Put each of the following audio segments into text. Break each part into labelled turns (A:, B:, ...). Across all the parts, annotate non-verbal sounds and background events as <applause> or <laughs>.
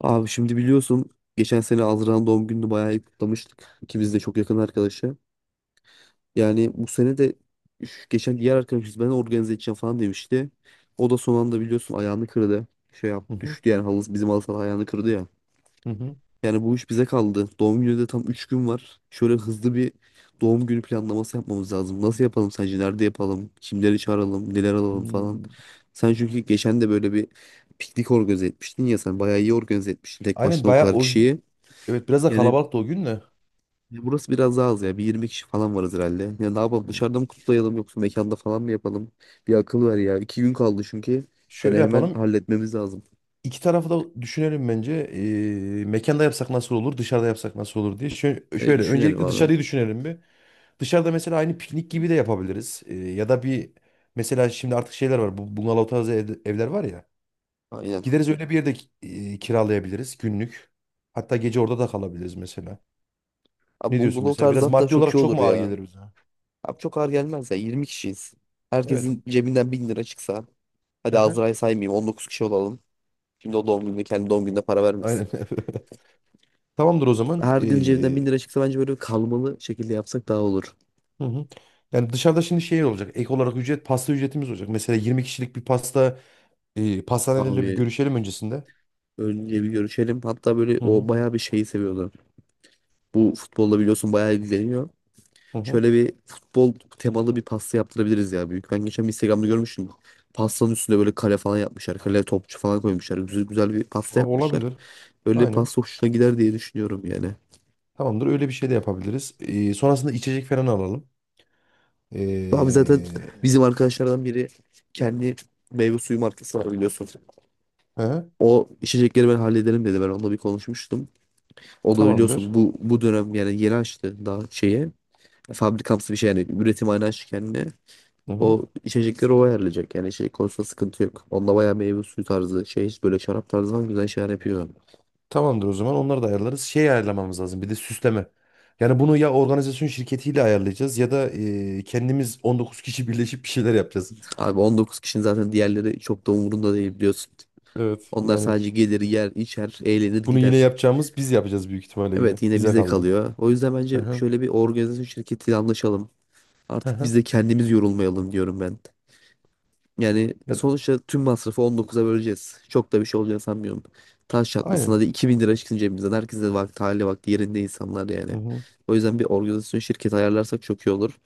A: Abi şimdi biliyorsun geçen sene Azra'nın doğum gününü bayağı iyi kutlamıştık. İkimiz de çok yakın arkadaşı. Yani bu sene de geçen diğer arkadaşımız ben organize edeceğim falan demişti. O da son anda biliyorsun ayağını kırdı. Şey yap
B: Hı hı,
A: düştü yani bizim halı saha ayağını kırdı ya.
B: hı hı.
A: Yani bu iş bize kaldı. Doğum günü de tam 3 gün var. Şöyle hızlı bir doğum günü planlaması yapmamız lazım. Nasıl yapalım sence? Nerede yapalım? Kimleri çağıralım? Neler alalım falan.
B: Hmm.
A: Sen çünkü geçen de böyle bir piknik organize etmiştin ya sen bayağı iyi organize etmiştin tek
B: Aynen
A: başına o
B: bayağı
A: kadar
B: o,
A: kişiyi.
B: evet biraz da
A: Yani
B: kalabalıktı o gün de.
A: ya burası biraz daha az ya. Bir 20 kişi falan varız herhalde. Ya ne yapalım?
B: Hmm.
A: Dışarıda mı kutlayalım yoksa mekanda falan mı yapalım? Bir akıl ver ya. İki gün kaldı çünkü. Yani
B: Şöyle
A: hemen
B: yapalım.
A: halletmemiz lazım.
B: İki tarafı da düşünelim bence. Mekanda yapsak nasıl olur, dışarıda yapsak nasıl olur diye. Şöyle,
A: E,
B: şöyle
A: düşünelim
B: öncelikle
A: abi.
B: dışarıyı düşünelim bir. Dışarıda mesela aynı piknik gibi de yapabiliriz. Ya da bir mesela şimdi artık şeyler var. Bu bungalov tarzı evler var ya.
A: Aynen.
B: Gideriz öyle bir yerde e, kiralayabiliriz günlük. Hatta gece orada da kalabiliriz mesela.
A: Abi
B: Ne diyorsun
A: bungalov
B: mesela?
A: tarzı
B: Biraz
A: hatta
B: maddi
A: çok iyi
B: olarak çok
A: olur
B: mu ağır
A: ya.
B: gelir bize?
A: Abi çok ağır gelmez ya. 20 kişiyiz.
B: Evet.
A: Herkesin cebinden 1000 lira çıksa.
B: Hı
A: Hadi
B: hı.
A: Azra'yı saymayayım. 19 kişi olalım. Şimdi o doğum gününde kendi doğum gününe para vermesin.
B: Aynen. <laughs> Tamamdır o zaman.
A: Herkesin cebinden 1000 lira çıksa bence böyle kalmalı şekilde yapsak daha olur.
B: Hı hı. Yani dışarıda şimdi şey olacak. Ek olarak ücret pasta ücretimiz olacak. Mesela 20 kişilik bir pasta e, pastanelerle
A: Abi
B: bir görüşelim öncesinde.
A: önce bir görüşelim. Hatta böyle
B: Hı
A: o
B: hı.
A: bayağı bir şeyi seviyordu. Bu futbolla biliyorsun bayağı ilgileniyor.
B: Hı hı.
A: Şöyle bir futbol temalı bir pasta yaptırabiliriz ya büyük. Ben geçen bir Instagram'da görmüştüm. Pastanın üstüne böyle kale falan yapmışlar. Kale topçu falan koymuşlar. Güzel, güzel bir pasta
B: Abi
A: yapmışlar.
B: olabilir.
A: Öyle bir
B: Aynen.
A: pasta hoşuna gider diye düşünüyorum yani.
B: Tamamdır. Öyle bir şey de yapabiliriz. Sonrasında içecek falan alalım.
A: Abi zaten
B: Ee,
A: bizim arkadaşlardan biri kendi meyve suyu markası var biliyorsun.
B: he,
A: O içecekleri ben hallederim dedi. Ben onunla bir konuşmuştum. O da biliyorsun
B: tamamdır.
A: bu dönem yani yeni açtı daha şeye. Fabrikamsı bir şey yani üretim aynı açtı kendine.
B: Hı hı.
A: O içecekleri o ayarlayacak. Yani içecek konusunda sıkıntı yok. Onda bayağı meyve suyu tarzı şey böyle şarap tarzı falan güzel şeyler yapıyor.
B: Tamamdır o zaman. Onları da ayarlarız. Şey ayarlamamız lazım. Bir de süsleme. Yani bunu ya organizasyon şirketiyle ayarlayacağız ya da e, kendimiz 19 kişi birleşip bir şeyler yapacağız.
A: Abi 19 kişinin zaten diğerleri çok da umurunda değil biliyorsun.
B: Evet.
A: Onlar
B: Yani
A: sadece gelir yer içer eğlenir
B: bunu yine
A: gider.
B: yapacağımız biz yapacağız büyük ihtimalle yine.
A: Evet yine
B: Bize
A: bizde
B: kaldı.
A: kalıyor. O yüzden
B: Hı
A: bence
B: hı,
A: şöyle bir organizasyon şirketiyle anlaşalım.
B: hı
A: Artık biz
B: hı.
A: de kendimiz yorulmayalım diyorum ben. Yani
B: Ya-
A: sonuçta tüm masrafı 19'a böleceğiz. Çok da bir şey olacağını sanmıyorum. Taş çatlasın
B: Aynen.
A: hadi 2000 lira çıksın cebimizden. Herkes de vakti hali vakti yerinde insanlar yani.
B: Hı hı.
A: O yüzden bir organizasyon şirketi ayarlarsak çok iyi olur.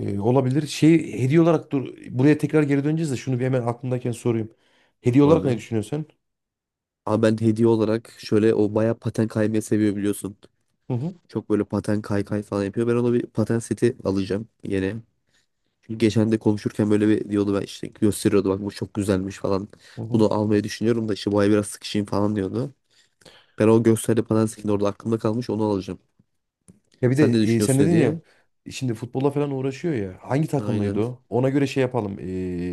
B: Olabilir. Şey hediye olarak dur. Buraya tekrar geri döneceğiz de şunu bir hemen aklımdayken sorayım. Hediye olarak ne
A: Abi.
B: düşünüyorsun sen?
A: Ama ben hediye olarak şöyle o bayağı paten kaymayı seviyor biliyorsun.
B: Hı hı,
A: Çok böyle paten kay kay falan yapıyor. Ben ona bir paten seti alacağım yeni. Çünkü geçen de konuşurken böyle bir diyordu ben işte gösteriyordu bak bu çok güzelmiş falan.
B: hı hı.
A: Bunu almayı düşünüyorum da işte bu ay biraz sıkışayım falan diyordu. Ben o gösterdi paten setini orada aklımda kalmış onu alacağım.
B: Ya bir
A: Sen
B: de
A: ne
B: e, sen
A: düşünüyorsun
B: dedin ya
A: hediye?
B: şimdi futbolla falan uğraşıyor ya. Hangi takımlıydı
A: Aynen.
B: o? Ona göre şey yapalım.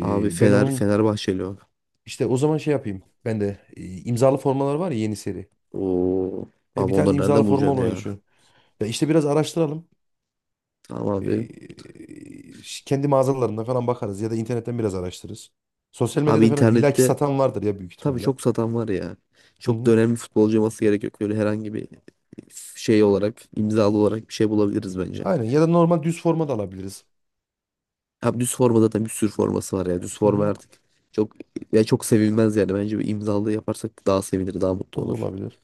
A: Abi
B: Ben
A: Fener
B: onun
A: Fenerbahçeli o.
B: işte o zaman şey yapayım. Ben de e, imzalı formalar var ya yeni seri.
A: Oo.
B: E, bir
A: Abi
B: tane
A: onları
B: imzalı
A: nereden
B: forma
A: bulacaksın
B: olmayı
A: ya?
B: düşünüyorum. Ya işte biraz araştıralım.
A: Tamam abi.
B: Kendi mağazalarında falan bakarız ya da internetten biraz araştırırız. Sosyal
A: Abi
B: medyada falan illaki
A: internette
B: satan vardır ya büyük
A: tabii
B: ihtimalle.
A: çok satan var ya.
B: Hı
A: Çok da
B: hı.
A: önemli futbolcu olması gerek yok. Böyle herhangi bir şey olarak, imzalı olarak bir şey bulabiliriz bence.
B: Aynen ya da normal düz forma da alabiliriz.
A: Abi düz forma zaten bir sürü forması var ya. Düz
B: Hı
A: forma
B: hı.
A: artık çok ya çok sevilmez yani. Bence bir imzalı yaparsak daha sevinir, daha mutlu
B: O da
A: olur.
B: olabilir.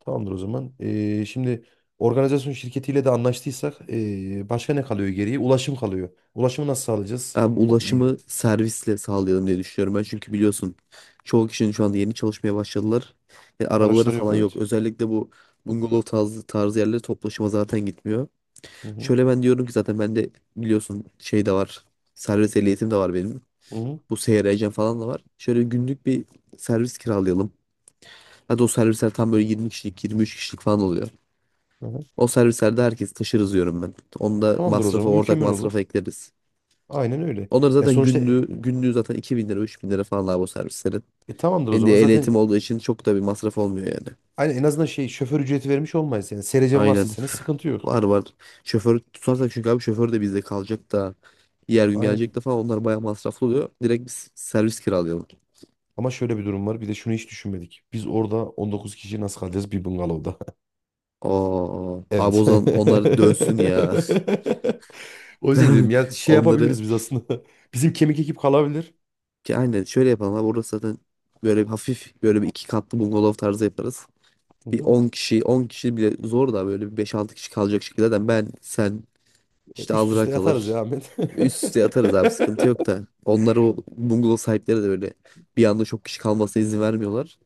B: Tamamdır o zaman. Şimdi organizasyon şirketiyle de anlaştıysak başka ne kalıyor geriye? Ulaşım kalıyor. Ulaşımı nasıl sağlayacağız?
A: Ben
B: O, iyi.
A: ulaşımı servisle sağlayalım diye düşünüyorum ben. Çünkü biliyorsun çoğu kişinin şu anda yeni çalışmaya başladılar. Arabaları
B: Araçları yok
A: falan yok.
B: evet.
A: Özellikle bu bungalov tarzı yerlere toplu taşıma zaten gitmiyor.
B: Hı hı.
A: Şöyle ben diyorum ki zaten ben de biliyorsun şey de var. Servis ehliyetim de var benim.
B: Hı hı.
A: Bu seyir falan da var. Şöyle günlük bir servis kiralayalım. Hadi o servisler tam böyle 20 kişilik, 23 kişilik falan oluyor.
B: Hı hı.
A: O servislerde herkes taşırız diyorum ben. Onda
B: Tamamdır o
A: masrafı,
B: zaman.
A: ortak
B: Mükemmel olur.
A: masrafa ekleriz.
B: Aynen öyle.
A: Onların
B: Ya,
A: zaten
B: sonuçta
A: günlüğü, günlüğü zaten 2.000 lira 3.000 lira falan abi o servislerin.
B: tamamdır o
A: Hem
B: zaman.
A: de ehliyetim olduğu için çok da bir masraf olmuyor yani.
B: Aynen en azından şey şoför ücreti vermiş olmayız. Yani serecen varsa
A: Aynen.
B: senin sıkıntı yok.
A: Var var. Şoför tutarsak çünkü abi şoför de bizde kalacak da diğer gün
B: Aynen.
A: gelecek de falan onlar bayağı masraflı oluyor. Direkt biz servis kiralayalım.
B: Ama şöyle bir durum var. Bir de şunu hiç düşünmedik. Biz orada 19 kişi nasıl kalacağız bir bungalovda? <laughs>
A: Oo, abi o
B: Evet.
A: zaman onlar
B: <laughs>
A: dönsün ya. <laughs>
B: O yüzden
A: Ben
B: dedim ya şey
A: onları
B: yapabiliriz biz aslında. <laughs> Bizim kemik ekip kalabilir.
A: ki aynen şöyle yapalım abi orası zaten böyle bir hafif böyle bir iki katlı bungalov tarzı yaparız.
B: Hı
A: Bir
B: hı.
A: 10 kişi 10 kişi bile zor da böyle bir beş altı kişi kalacak şekilde zaten ben sen
B: E,
A: İşte
B: üst
A: Azra
B: üste yatarız
A: kalır.
B: ya Ahmet.
A: Üst üste
B: <laughs>
A: atarız abi sıkıntı yok da. Onları o bungalov sahipleri de böyle bir anda çok kişi kalmasına izin vermiyorlar.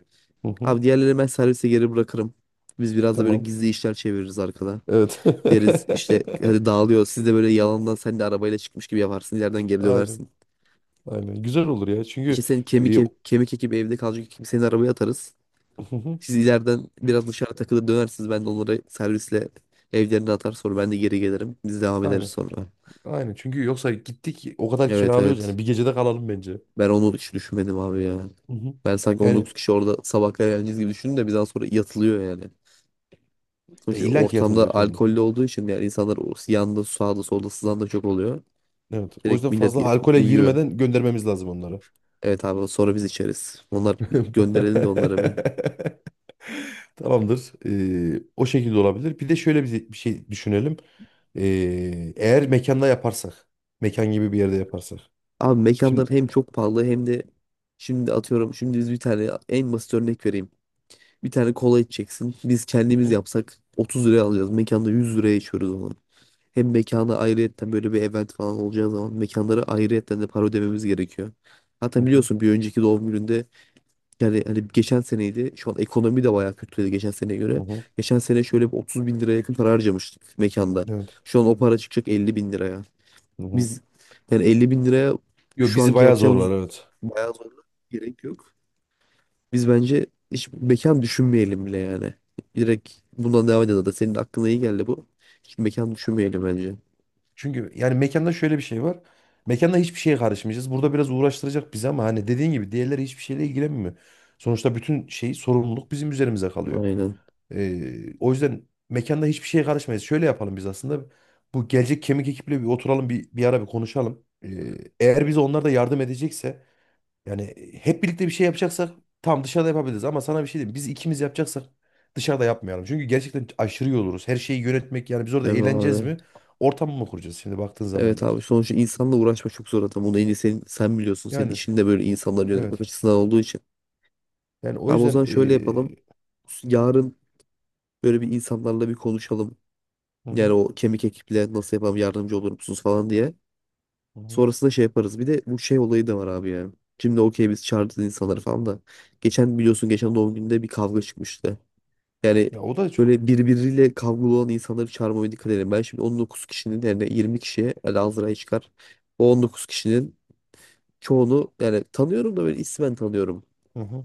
B: Hı hı.
A: Abi diğerlerini ben servise geri bırakırım. Biz biraz da böyle
B: Tamam.
A: gizli işler çeviririz arkada.
B: Evet.
A: Deriz işte hadi dağılıyor. Siz de böyle yalandan sen de arabayla çıkmış gibi yaparsın. İleriden
B: <laughs>
A: geri
B: Aynen.
A: dönersin.
B: Aynen. Güzel olur ya.
A: İşte
B: Çünkü
A: senin kemik
B: e,
A: e- kemik ekibi evde kalacak ekibi senin arabaya atarız.
B: hı hı.
A: Siz ileriden biraz dışarı takılır dönersiniz. Ben de onları servisle evlerine atar sonra ben de geri gelirim. Biz devam ederiz
B: Aynen.
A: sonra.
B: Aynen çünkü yoksa gittik o kadar
A: Evet
B: kiralıyoruz yani
A: evet.
B: bir gecede kalalım bence.
A: Ben onu hiç düşünmedim abi ya.
B: Hı hı.
A: Ben sanki on
B: Yani
A: dokuz kişi orada sabah kadar eğleneceğiz gibi düşündüm de bir daha sonra yatılıyor yani. Sonuçta
B: e,
A: şey,
B: illa ki
A: ortamda
B: yatılacak yani.
A: alkollü olduğu için yani insanlar o yanda sağda solda sızan da çok oluyor.
B: Evet. O
A: Direkt
B: yüzden
A: millet
B: fazla alkole
A: uyuyor.
B: girmeden göndermemiz lazım onları.
A: Evet abi sonra biz içeriz. Onlar bir gönderelim de onlara bir.
B: <laughs> Tamamdır. O şekilde olabilir. Bir de şöyle bir şey düşünelim. Eğer mekanda yaparsak, mekan gibi bir yerde yaparsak.
A: Abi mekanlar
B: Şimdi
A: hem çok pahalı hem de şimdi atıyorum şimdi biz bir tane en basit örnek vereyim. Bir tane kola içeceksin. Biz
B: hı
A: kendimiz
B: hı.
A: yapsak 30 liraya alacağız. Mekanda 100 liraya içiyoruz onu. Hem mekana ayrıyetten böyle bir event falan olacağı zaman mekanlara ayrıyetten de para ödememiz gerekiyor.
B: Hı
A: Hatta
B: hı.
A: biliyorsun bir önceki doğum gününde yani hani geçen seneydi. Şu an ekonomi de bayağı kötüydü geçen seneye
B: Hı
A: göre.
B: hı.
A: Geçen sene şöyle bir 30 bin liraya yakın para harcamıştık mekanda.
B: Evet.
A: Şu an o para çıkacak 50 bin liraya.
B: Hı hı.
A: Biz yani 50 bin liraya
B: Yo
A: şu
B: bizi
A: anki
B: bayağı
A: yapacağımız
B: zorlar evet.
A: bayağı zorla gerek yok. Biz bence hiç mekan düşünmeyelim bile yani. Direkt bundan devam edelim. Da senin aklına iyi geldi bu. Hiç mekan düşünmeyelim bence.
B: Çünkü yani mekanda şöyle bir şey var. Mekanda hiçbir şeye karışmayacağız. Burada biraz uğraştıracak bizi ama hani dediğin gibi diğerleri hiçbir şeyle ilgilenmiyor. Sonuçta bütün şey sorumluluk bizim üzerimize kalıyor.
A: Aynen.
B: O yüzden mekanda hiçbir şeye karışmayız. Şöyle yapalım biz aslında. Bu gelecek kemik ekiple bir oturalım bir ara bir konuşalım. Eğer bize onlar da yardım edecekse yani hep birlikte bir şey yapacaksak tam dışarıda yapabiliriz ama sana bir şey diyeyim. Biz ikimiz yapacaksak dışarıda yapmayalım. Çünkü gerçekten aşırı yoruluruz. Her şeyi yönetmek yani biz orada
A: Değil mi
B: eğleneceğiz
A: abi?
B: mi? Ortam mı kuracağız şimdi baktığın zaman
A: Evet
B: da?
A: abi sonuçta insanla uğraşmak çok zor adam. Bunu en iyi sen biliyorsun. Senin
B: Yani
A: işin de böyle insanları yönetmek
B: evet.
A: açısından olduğu için.
B: Yani o
A: Abi o
B: yüzden
A: zaman şöyle yapalım. Yarın böyle bir insanlarla bir konuşalım.
B: hı
A: Yani
B: hı,
A: o kemik ekiple nasıl yapalım yardımcı olur musunuz falan diye.
B: hı hı.
A: Sonrasında şey yaparız. Bir de bu şey olayı da var abi ya. Şimdi okey biz çağırdık insanları falan da. Geçen biliyorsun geçen doğum günde bir kavga çıkmıştı. Yani
B: Ya o da çok.
A: böyle birbiriyle kavgalı olan insanları çağırmamaya dikkat edelim. Ben şimdi 19 kişinin yerine 20 kişiye Lazera'yı çıkar. O 19 kişinin çoğunu yani tanıyorum da böyle ismen tanıyorum.
B: Hı hı.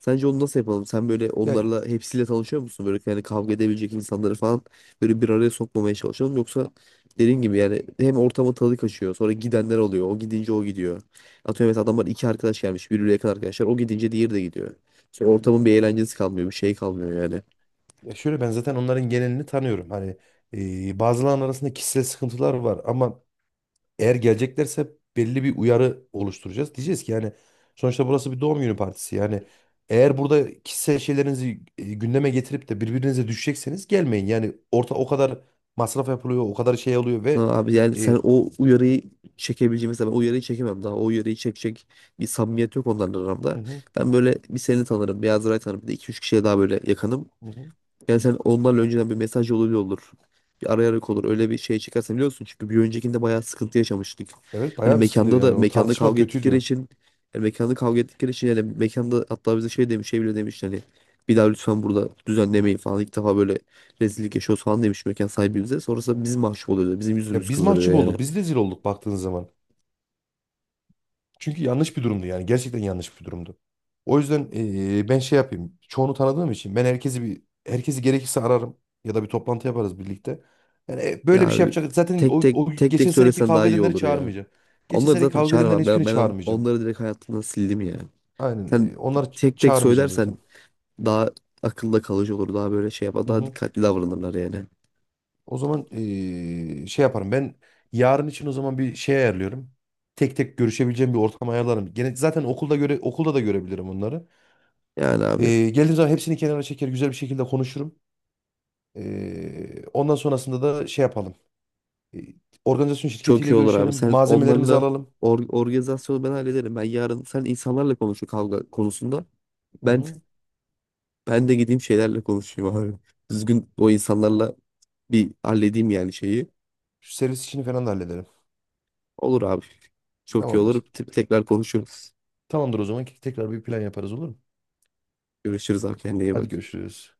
A: Sence onu nasıl yapalım? Sen böyle
B: Ya,
A: onlarla hepsiyle tanışıyor musun? Böyle yani kavga edebilecek insanları falan böyle bir araya sokmamaya çalışalım. Yoksa dediğin gibi yani hem ortama tadı kaçıyor. Sonra gidenler oluyor. O gidince o gidiyor. Atıyorum mesela adamlar iki arkadaş gelmiş. Birbirine yakın arkadaşlar. O gidince diğeri de gidiyor. Sonra ortamın bir eğlencesi kalmıyor. Bir şey kalmıyor yani.
B: ya şöyle ben zaten onların genelini tanıyorum. Hani bazılarının arasında kişisel sıkıntılar var ama eğer geleceklerse belli bir uyarı oluşturacağız. Diyeceğiz ki yani sonuçta burası bir doğum günü partisi. Yani eğer burada kişisel şeylerinizi e, gündeme getirip de birbirinize düşecekseniz gelmeyin. Yani orta o kadar masraf yapılıyor, o kadar şey oluyor
A: Ha,
B: ve
A: abi yani
B: e,
A: sen o uyarıyı çekebileceğin mesela ben o uyarıyı çekemem daha o uyarıyı çekecek bir samimiyet yok onların aramda.
B: hı hı,
A: Ben böyle bir seni tanırım bir Azuray tanırım bir de 2-3 kişiye daha böyle yakınım.
B: hı hı.
A: Yani sen onlarla önceden bir mesaj yoluyla olur. Bir arayarak olur. Öyle bir şey çıkarsa biliyorsun. Çünkü bir öncekinde bayağı sıkıntı yaşamıştık.
B: Evet
A: Hani
B: bayağı bir sıkıntı
A: mekanda da
B: yani o
A: mekanda
B: tartışma
A: kavga ettikleri
B: kötüydü.
A: için yani mekanda kavga ettikleri için yani mekanda hatta bize şey demiş şey bile demiş hani bir daha lütfen burada düzenlemeyin falan. İlk defa böyle rezillik yaşıyoruz falan demiş mekan sahibi bize. Sonrasında biz mahcup oluyoruz. Bizim
B: Ya
A: yüzümüz
B: biz
A: kızarıyor
B: mahcup
A: yani.
B: olduk, biz rezil olduk baktığınız zaman. Çünkü yanlış bir durumdu yani. Gerçekten yanlış bir durumdu. O yüzden ben şey yapayım. Çoğunu tanıdığım için ben herkesi gerekirse ararım ya da bir toplantı yaparız birlikte. Yani e, böyle bir
A: Ya
B: şey yapacak. Zaten
A: tek tek
B: o
A: tek tek
B: geçen seneki
A: söylesen daha
B: kavga
A: iyi
B: edenleri
A: olur ya.
B: çağırmayacağım. Geçen
A: Onları
B: seneki
A: zaten
B: kavga edenlerin
A: çağıramam. Ben,
B: hiçbirini
A: ben on-
B: çağırmayacağım.
A: onları direkt hayatımdan sildim ya. Sen
B: Aynen. E,
A: tek tek
B: çağırmayacağım
A: söylersen
B: zaten.
A: daha akılda kalıcı olur. Daha böyle şey yapar.
B: Hı
A: Daha
B: hı.
A: dikkatli davranırlar yani.
B: O zaman şey yaparım. Ben yarın için o zaman bir şey ayarlıyorum. Tek tek görüşebileceğim bir ortam ayarlarım. Gene zaten okulda da görebilirim onları.
A: Yani abi
B: Geldiğim zaman hepsini kenara çeker, güzel bir şekilde konuşurum. Ondan sonrasında da şey yapalım. Ee, Organizasyon
A: çok
B: şirketiyle
A: iyi olur abi.
B: görüşelim.
A: Sen
B: Malzemelerimizi
A: onlarla
B: alalım.
A: organizasyonu ben hallederim. Ben yarın sen insanlarla konuşu kavga konusunda.
B: Hı
A: Ben
B: hı.
A: ben de gideyim şeylerle konuşayım abi. Düzgün o insanlarla bir halledeyim yani şeyi.
B: Şu servis işini falan da halledelim.
A: Olur abi. Çok iyi olur.
B: Tamamdır.
A: Tekrar konuşuruz.
B: Tamamdır o zaman. Tekrar bir plan yaparız olur mu?
A: Görüşürüz abi kendine iyi
B: Hadi
A: bak.
B: görüşürüz.